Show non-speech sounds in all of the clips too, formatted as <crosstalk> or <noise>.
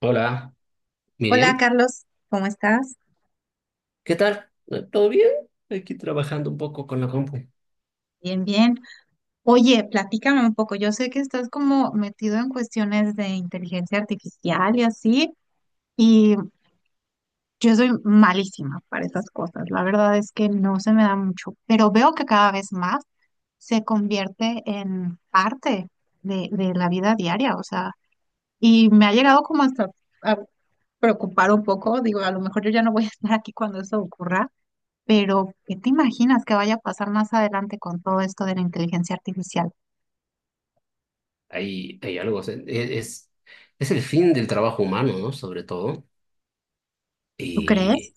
Hola, Hola Miriam. Carlos, ¿cómo estás? ¿Qué tal? ¿Todo bien? Aquí trabajando un poco con la compu. Bien, bien. Oye, platícame un poco. Yo sé que estás como metido en cuestiones de inteligencia artificial y así, y yo soy malísima para esas cosas. La verdad es que no se me da mucho, pero veo que cada vez más se convierte en parte de la vida diaria, o sea, y me ha llegado como hasta a preocupar un poco. Digo, a lo mejor yo ya no voy a estar aquí cuando eso ocurra. Pero ¿qué te imaginas que vaya a pasar más adelante con todo esto de la inteligencia artificial? Hay algo, o sea, es el fin del trabajo humano, ¿no? Sobre todo. ¿Tú crees? Y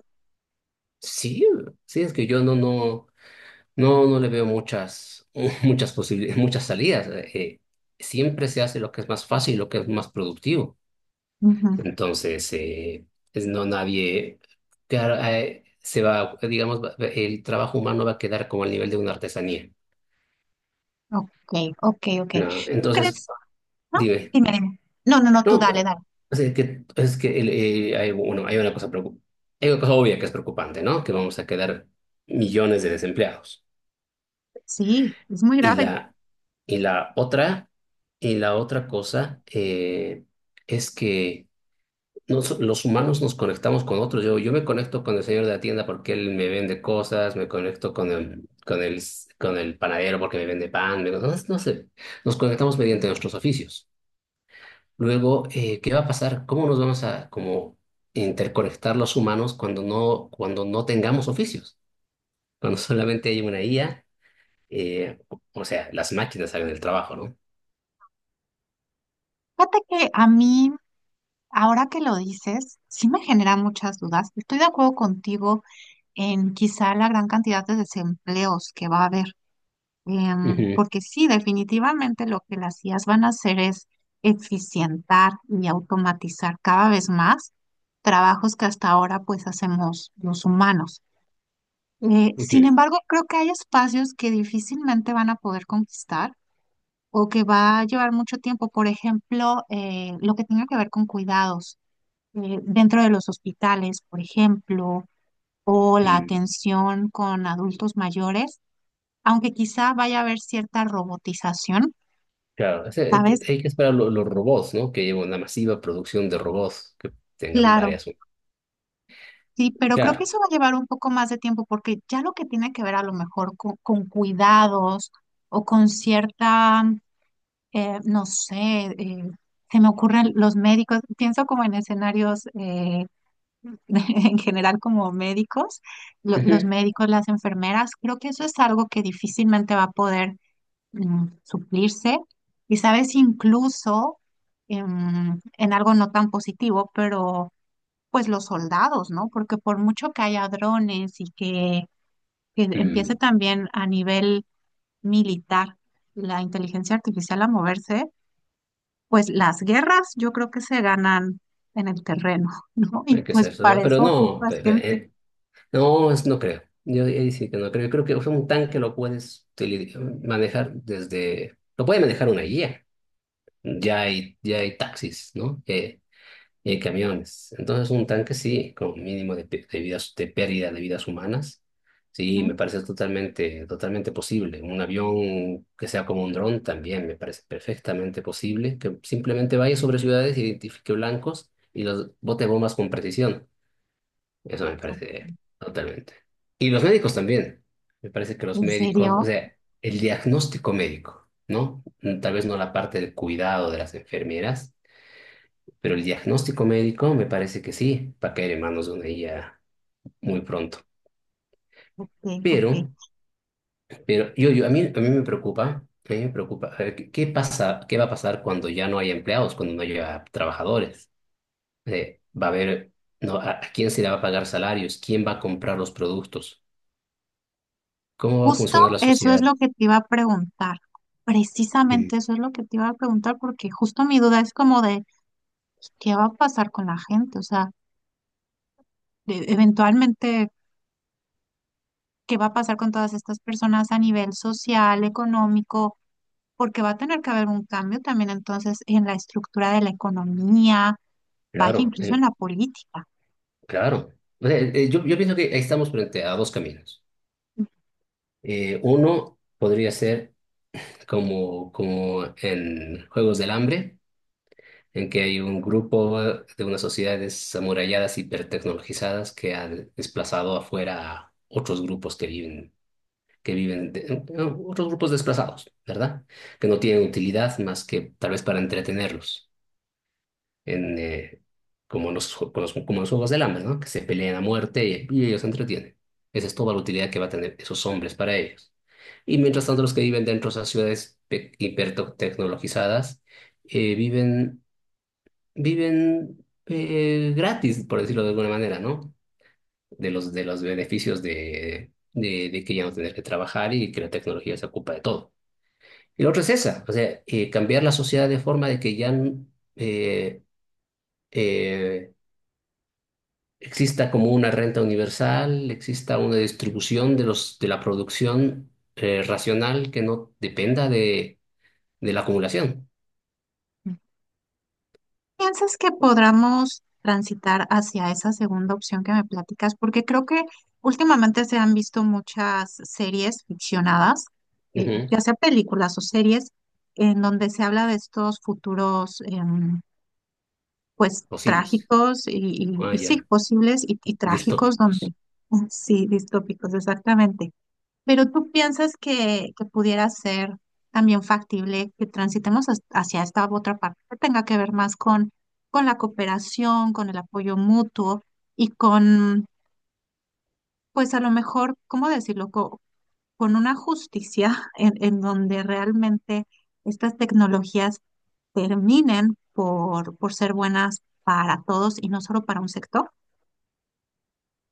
sí, sí, es que yo no le veo muchas, <laughs> muchas posibilidades, muchas salidas. Siempre se hace lo que es más fácil, lo que es más productivo. Ujú. Entonces, no nadie, claro, se va, digamos, el trabajo humano va a quedar como al nivel de una artesanía. Ok, ok, ok. No, ¿Tú entonces crees? No, dime. dime, dime. No, no, no, tú No, dale, dale. o sea, que, es que el, hay, bueno, hay una cosa hay una cosa obvia que es preocupante, ¿no? Que vamos a quedar millones de desempleados. Sí, es muy Y grave. la, y la otra, y la otra cosa es que los humanos nos conectamos con otros. Yo me conecto con el señor de la tienda porque él me vende cosas, me conecto con con el panadero porque me vende pan, no, no sé. Nos conectamos mediante nuestros oficios. Luego, ¿qué va a pasar? ¿Cómo nos vamos a como interconectar los humanos cuando cuando no tengamos oficios? Cuando <laughs> solamente hay una IA, eh, o sea, las máquinas hagan el trabajo, ¿no? Fíjate que a mí, ahora que lo dices, sí me genera muchas dudas. Estoy de acuerdo contigo en quizá la gran cantidad de desempleos que va a haber. Ujú, Porque sí, definitivamente lo que las IAs van a hacer es eficientar y automatizar cada vez más trabajos que hasta ahora pues hacemos los humanos. Sin ujú, embargo, creo que hay espacios que difícilmente van a poder conquistar o que va a llevar mucho tiempo. Por ejemplo, lo que tenga que ver con cuidados dentro de los hospitales, por ejemplo, o la mm. atención con adultos mayores, aunque quizá vaya a haber cierta robotización. Claro, o sea, ¿Sabes? Hay que esperar los robots, ¿no? Que lleven una masiva producción de robots que tengan Claro, varias. sí, pero creo que Claro. eso va a llevar un poco más de tiempo porque ya lo que tiene que ver a lo mejor con cuidados o con cierta, no sé, eh, se me ocurren los médicos, pienso como en escenarios <laughs> en general como médicos, los Ujú, médicos, las enfermeras, creo que eso es algo que difícilmente va a poder suplirse. Y sabes, incluso en algo no tan positivo, pero pues los soldados, ¿no? Porque por mucho que haya drones y que empiece mm. también a nivel militar la inteligencia artificial a moverse, pues las guerras yo creo que se ganan en el terreno, <laughs> ¿no? Y Hay que pues hacer eso, ¿no? para Pero eso no, ocupas gente. no, es, no creo. Yo ahí sí que no creo. Yo creo que o sea, un tanque lo puedes manejar desde. Lo puede manejar una guía. Ya hay taxis, ¿no? Y hay camiones. Entonces, un tanque sí, con mínimo de, de vidas, de pérdida de vidas humanas. Sí, me ¿No? parece totalmente, totalmente posible. Un avión que sea como un dron también me parece perfectamente posible. Que simplemente vaya sobre ciudades, identifique blancos y los bote bombas con precisión. Eso me Ok. parece totalmente. Y los médicos también. Me parece que los ¿En médicos, o serio? sea, el diagnóstico médico, ¿no? Mm, tal vez no la parte del cuidado de las enfermeras, pero el diagnóstico médico me parece que sí, va a caer en manos de una IA muy pronto. Ok, ok. Pero, pero a mí me preocupa, a mí me preocupa, a ver, qué pasa, qué va a pasar cuando ya no haya empleados, cuando no haya trabajadores? Va a haber, no, a quién se le va a pagar salarios? ¿Quién va a comprar los productos? ¿Cómo va a Justo funcionar la eso es sociedad? lo que te iba a preguntar. Precisamente Sí, eso es lo que te iba a preguntar, porque justo mi duda es como de qué va a pasar con la gente. O sea, eventualmente qué va a pasar con todas estas personas a nivel social, económico, porque va a tener que haber un cambio también entonces en la estructura de la economía, vaya claro, incluso en la política. claro. O sea, yo pienso que ahí estamos frente a dos caminos. Uno podría ser como, como en Juegos del Hambre, en que hay un grupo de unas sociedades amuralladas, hipertecnologizadas, que ha desplazado afuera a otros grupos que viven otros grupos desplazados, ¿verdad? Que no tienen utilidad más que tal vez para entretenerlos. En, como en los, como en los Juegos del Hambre, ¿no? Que se pelean a muerte y ellos se entretienen. Esa es toda la utilidad que va a tener esos hombres para ellos. Y mientras tanto, los que viven dentro de esas ciudades hipertecnologizadas viven, viven gratis, por decirlo de alguna manera, ¿no? De los beneficios de que ya no tener que trabajar y que la tecnología se ocupa de todo. Y la otra es esa, o sea, cambiar la sociedad de forma de que ya eh, eh, exista como una renta universal, exista una distribución de los, de la producción racional que no dependa de la acumulación. ¿Piensas que podamos transitar hacia esa segunda opción que me platicas? Porque creo que últimamente se han visto muchas series ficcionadas, Ujú. ya sea películas o series, en donde se habla de estos futuros, pues Posibles. trágicos Ah, y ya. sí, posibles y trágicos donde, Distópicos. Sí, distópicos, exactamente. Pero tú piensas que pudiera ser también factible que transitemos hacia esta otra parte que tenga que ver más con la cooperación, con el apoyo mutuo y con, pues a lo mejor, ¿cómo decirlo? Con una justicia en donde realmente estas tecnologías terminen por ser buenas para todos y no solo para un sector.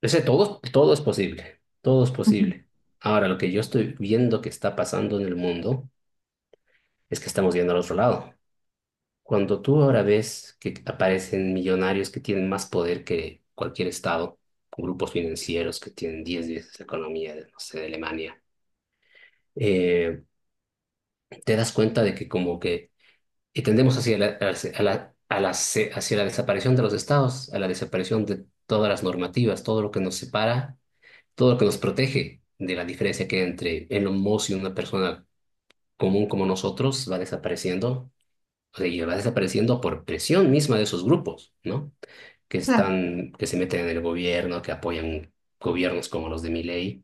Ese todo, todo es posible. Todo es Ujú. posible. Ahora, lo que yo estoy viendo que está pasando en el mundo es que estamos yendo al otro lado. Cuando tú ahora ves que aparecen millonarios que tienen más poder que cualquier estado, grupos financieros que tienen 10 veces la economía de, no sé, de Alemania, eh, te das cuenta de que como que y tendemos hacia la desaparición de los estados, a la desaparición de todas las normativas, todo lo que nos separa, todo lo que nos protege de la diferencia que hay entre el homos y una persona común como nosotros va desapareciendo, o sea, y va desapareciendo por presión misma de esos grupos, ¿no? Que Claro. están, que se meten en el gobierno, que apoyan gobiernos como los de Milei.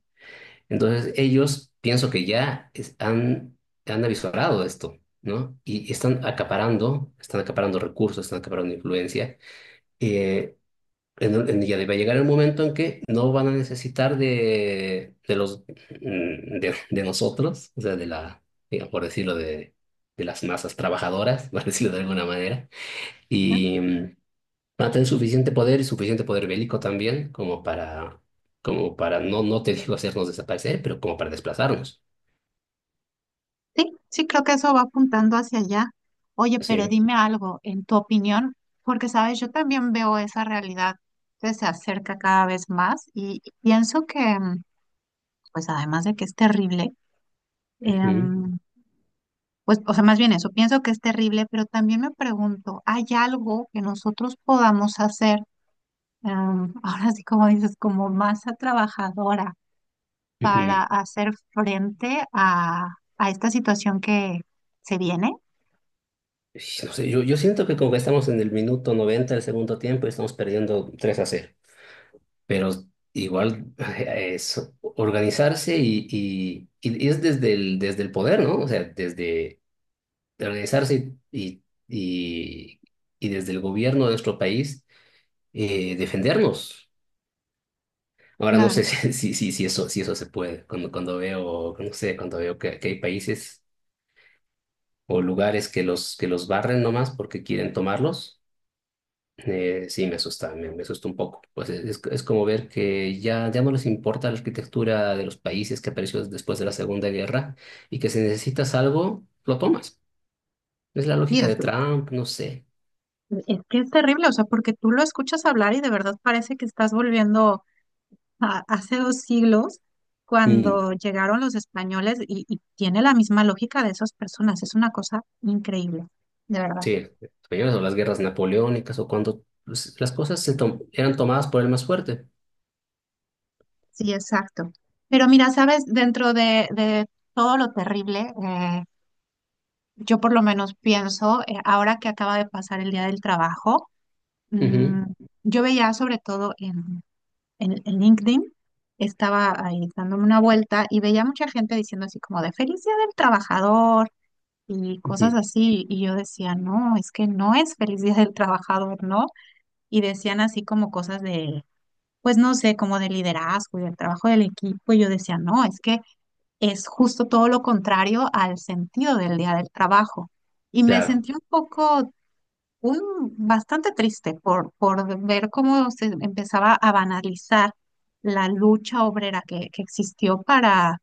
Entonces ellos pienso que ya han, han avisorado esto, ¿no? Y están acaparando recursos, están acaparando influencia. eh, ya va a llegar el momento en que no van a necesitar de, de nosotros, o sea, de la, digamos, por decirlo, de las masas trabajadoras, <laughs> por decirlo de alguna manera, ¿Eh? y mm, van a tener suficiente poder y suficiente poder bélico también como para como para, no, no te digo hacernos desaparecer, pero como para desplazarnos. Sí, sí, creo que eso va apuntando hacia allá. Oye, pero Sí. dime algo, en tu opinión, porque sabes, yo también veo esa realidad que se acerca cada vez más y pienso que, pues además de que es terrible, Ujú, em, pues, o sea, más bien eso, pienso que es terrible, pero también me pregunto, ¿hay algo que nosotros podamos hacer, <laughs> ahora sí como dices, como masa trabajadora para ujú. hacer frente a esta situación que se viene? Ish, no sé, yo siento que como que estamos en el minuto 90 del segundo tiempo y estamos perdiendo 3-0, pero igual <laughs> es organizarse y es desde el poder, ¿no? O sea, desde organizarse y desde el gobierno de nuestro país defendernos. Ahora no sé <laughs> Claro. Si eso, si eso se puede. Cuando, cuando veo, no sé, cuando veo que hay países o lugares que los barren nomás porque quieren tomarlos. Sí, me asusta, me asusta un poco. Pues es, es como ver que ya, ya no les importa la arquitectura de los países que apareció después de la Segunda Guerra y que si necesitas algo, lo tomas. Es la Y lógica es, de Trump, no sé. es que es terrible, o sea, porque tú lo escuchas hablar y de verdad parece que estás volviendo a, hace dos siglos, Mm, cuando llegaron los españoles, y tiene la misma lógica de esas personas, es una cosa increíble, de verdad. sí, españoles o las guerras napoleónicas o cuando pues, las cosas se eran tomadas por el más fuerte. Sí, exacto. Pero mira, sabes, dentro de todo lo terrible, yo por lo menos pienso, ahora que acaba de pasar el Día del Trabajo, mm, Ujú, yo veía sobre todo en LinkedIn, estaba ahí dándome una vuelta y veía mucha gente diciendo así como de feliz Día del Trabajador y cosas ujú. así. Y yo decía, no, es que no es feliz Día del Trabajador, ¿no? Y decían así como cosas de, pues no sé, como de liderazgo y del trabajo del equipo. Y yo decía, no, es que es justo todo lo contrario al sentido del día del trabajo. Y me Claro, sentí un poco, un, bastante triste por ver cómo se empezaba a banalizar la lucha obrera que existió para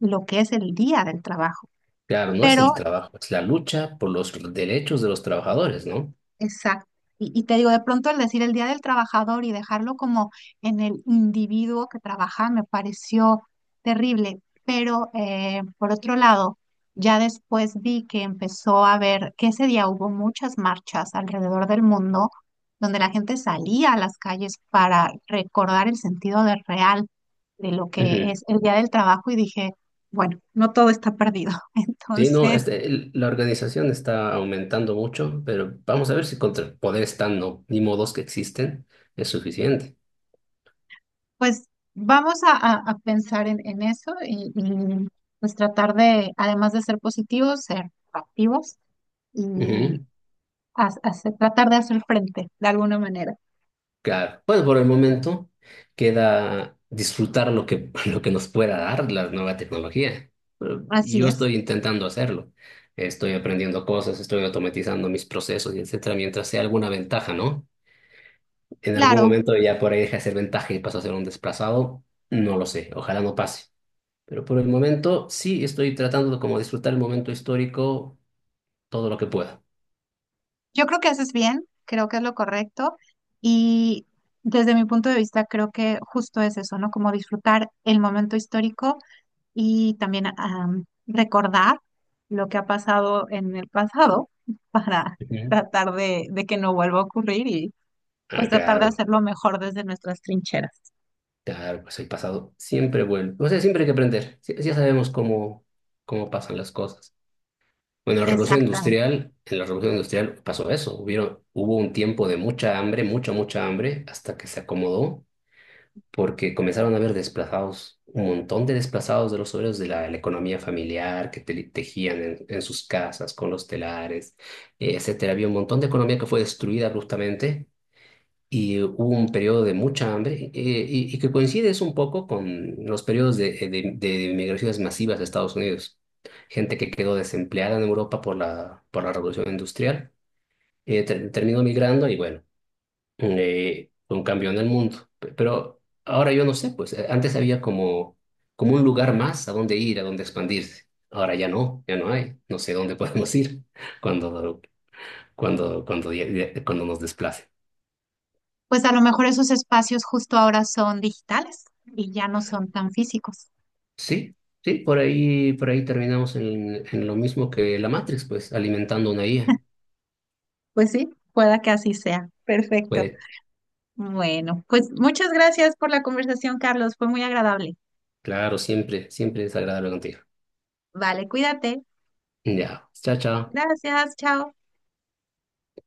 lo que es el día del trabajo. claro, no es Pero el trabajo, es la lucha por los derechos de los trabajadores, ¿no? exacto. Y te digo, de pronto al decir el Día del Trabajador y dejarlo como en el individuo que trabaja me pareció terrible, pero por otro lado, ya después vi que empezó a ver que ese día hubo muchas marchas alrededor del mundo donde la gente salía a las calles para recordar el sentido de real de lo que Ujú. es el Día del Trabajo y dije, bueno, no todo está perdido. <laughs> Sí, no, Entonces... este, la organización está aumentando mucho, pero vamos a ver si contra el poder están no, ni modos que existen es suficiente. Pues vamos a pensar en eso y, pues tratar de, además de ser positivos, ser activos y Ujú. Tratar de hacer frente de alguna manera. Claro, pues por el momento queda disfrutar lo que, <laughs> lo que nos pueda dar la nueva tecnología. Pero Así yo es. estoy intentando hacerlo. Estoy aprendiendo cosas, estoy automatizando mis procesos y etcétera, mientras sea alguna ventaja, ¿no? En algún Claro, momento ya por ahí deja de ser ventaja y pasa a ser un desplazado. No lo sé, ojalá no pase. Pero por el momento sí estoy tratando de como disfrutar el momento histórico todo lo que pueda. yo creo que haces bien, creo que es lo correcto y desde mi punto de vista creo que justo es eso, ¿no? Como disfrutar el momento histórico y también recordar lo que ha pasado en el pasado <laughs> para Ujú. tratar de que no vuelva a ocurrir y pues Ah, tratar de claro, hacerlo mejor desde nuestras trincheras. claro, pues el pasado siempre vuelve. O sea, siempre hay que aprender. Sí- ya sabemos cómo, cómo pasan las cosas. Bueno, la revolución Exactamente. industrial, en la revolución industrial pasó eso. Hubieron, hubo un tiempo de mucha hambre, mucha, mucha hambre, hasta que se acomodó porque comenzaron a haber desplazados, un montón de desplazados de los obreros de la economía familiar que tejían en sus casas con los telares, etcétera. Había un montón de economía que fue destruida abruptamente y hubo un periodo de mucha hambre y que coincide es un poco con los periodos de, de migraciones masivas a Estados Unidos. Gente que quedó desempleada en Europa por la revolución industrial, terminó migrando y bueno un campeón del mundo. Pero ahora yo no sé, pues antes había como, como un lugar más a donde ir, a donde expandirse. Ahora ya no, ya no hay. No sé dónde <laughs> podemos ir cuando, cuando, cuando nos desplacen. Pues a lo mejor esos espacios justo ahora son digitales y ya no son tan físicos. Sí, sí, por ahí terminamos en lo mismo que la Matrix, pues alimentando una IA. Pues sí, pueda que así sea. Perfecto. Puede, Bueno, pues muchas gracias por la conversación, Carlos. Fue muy agradable. claro, siempre, siempre es agradable contigo. Vale, cuídate. Ya, chao, chao. Gracias, chao.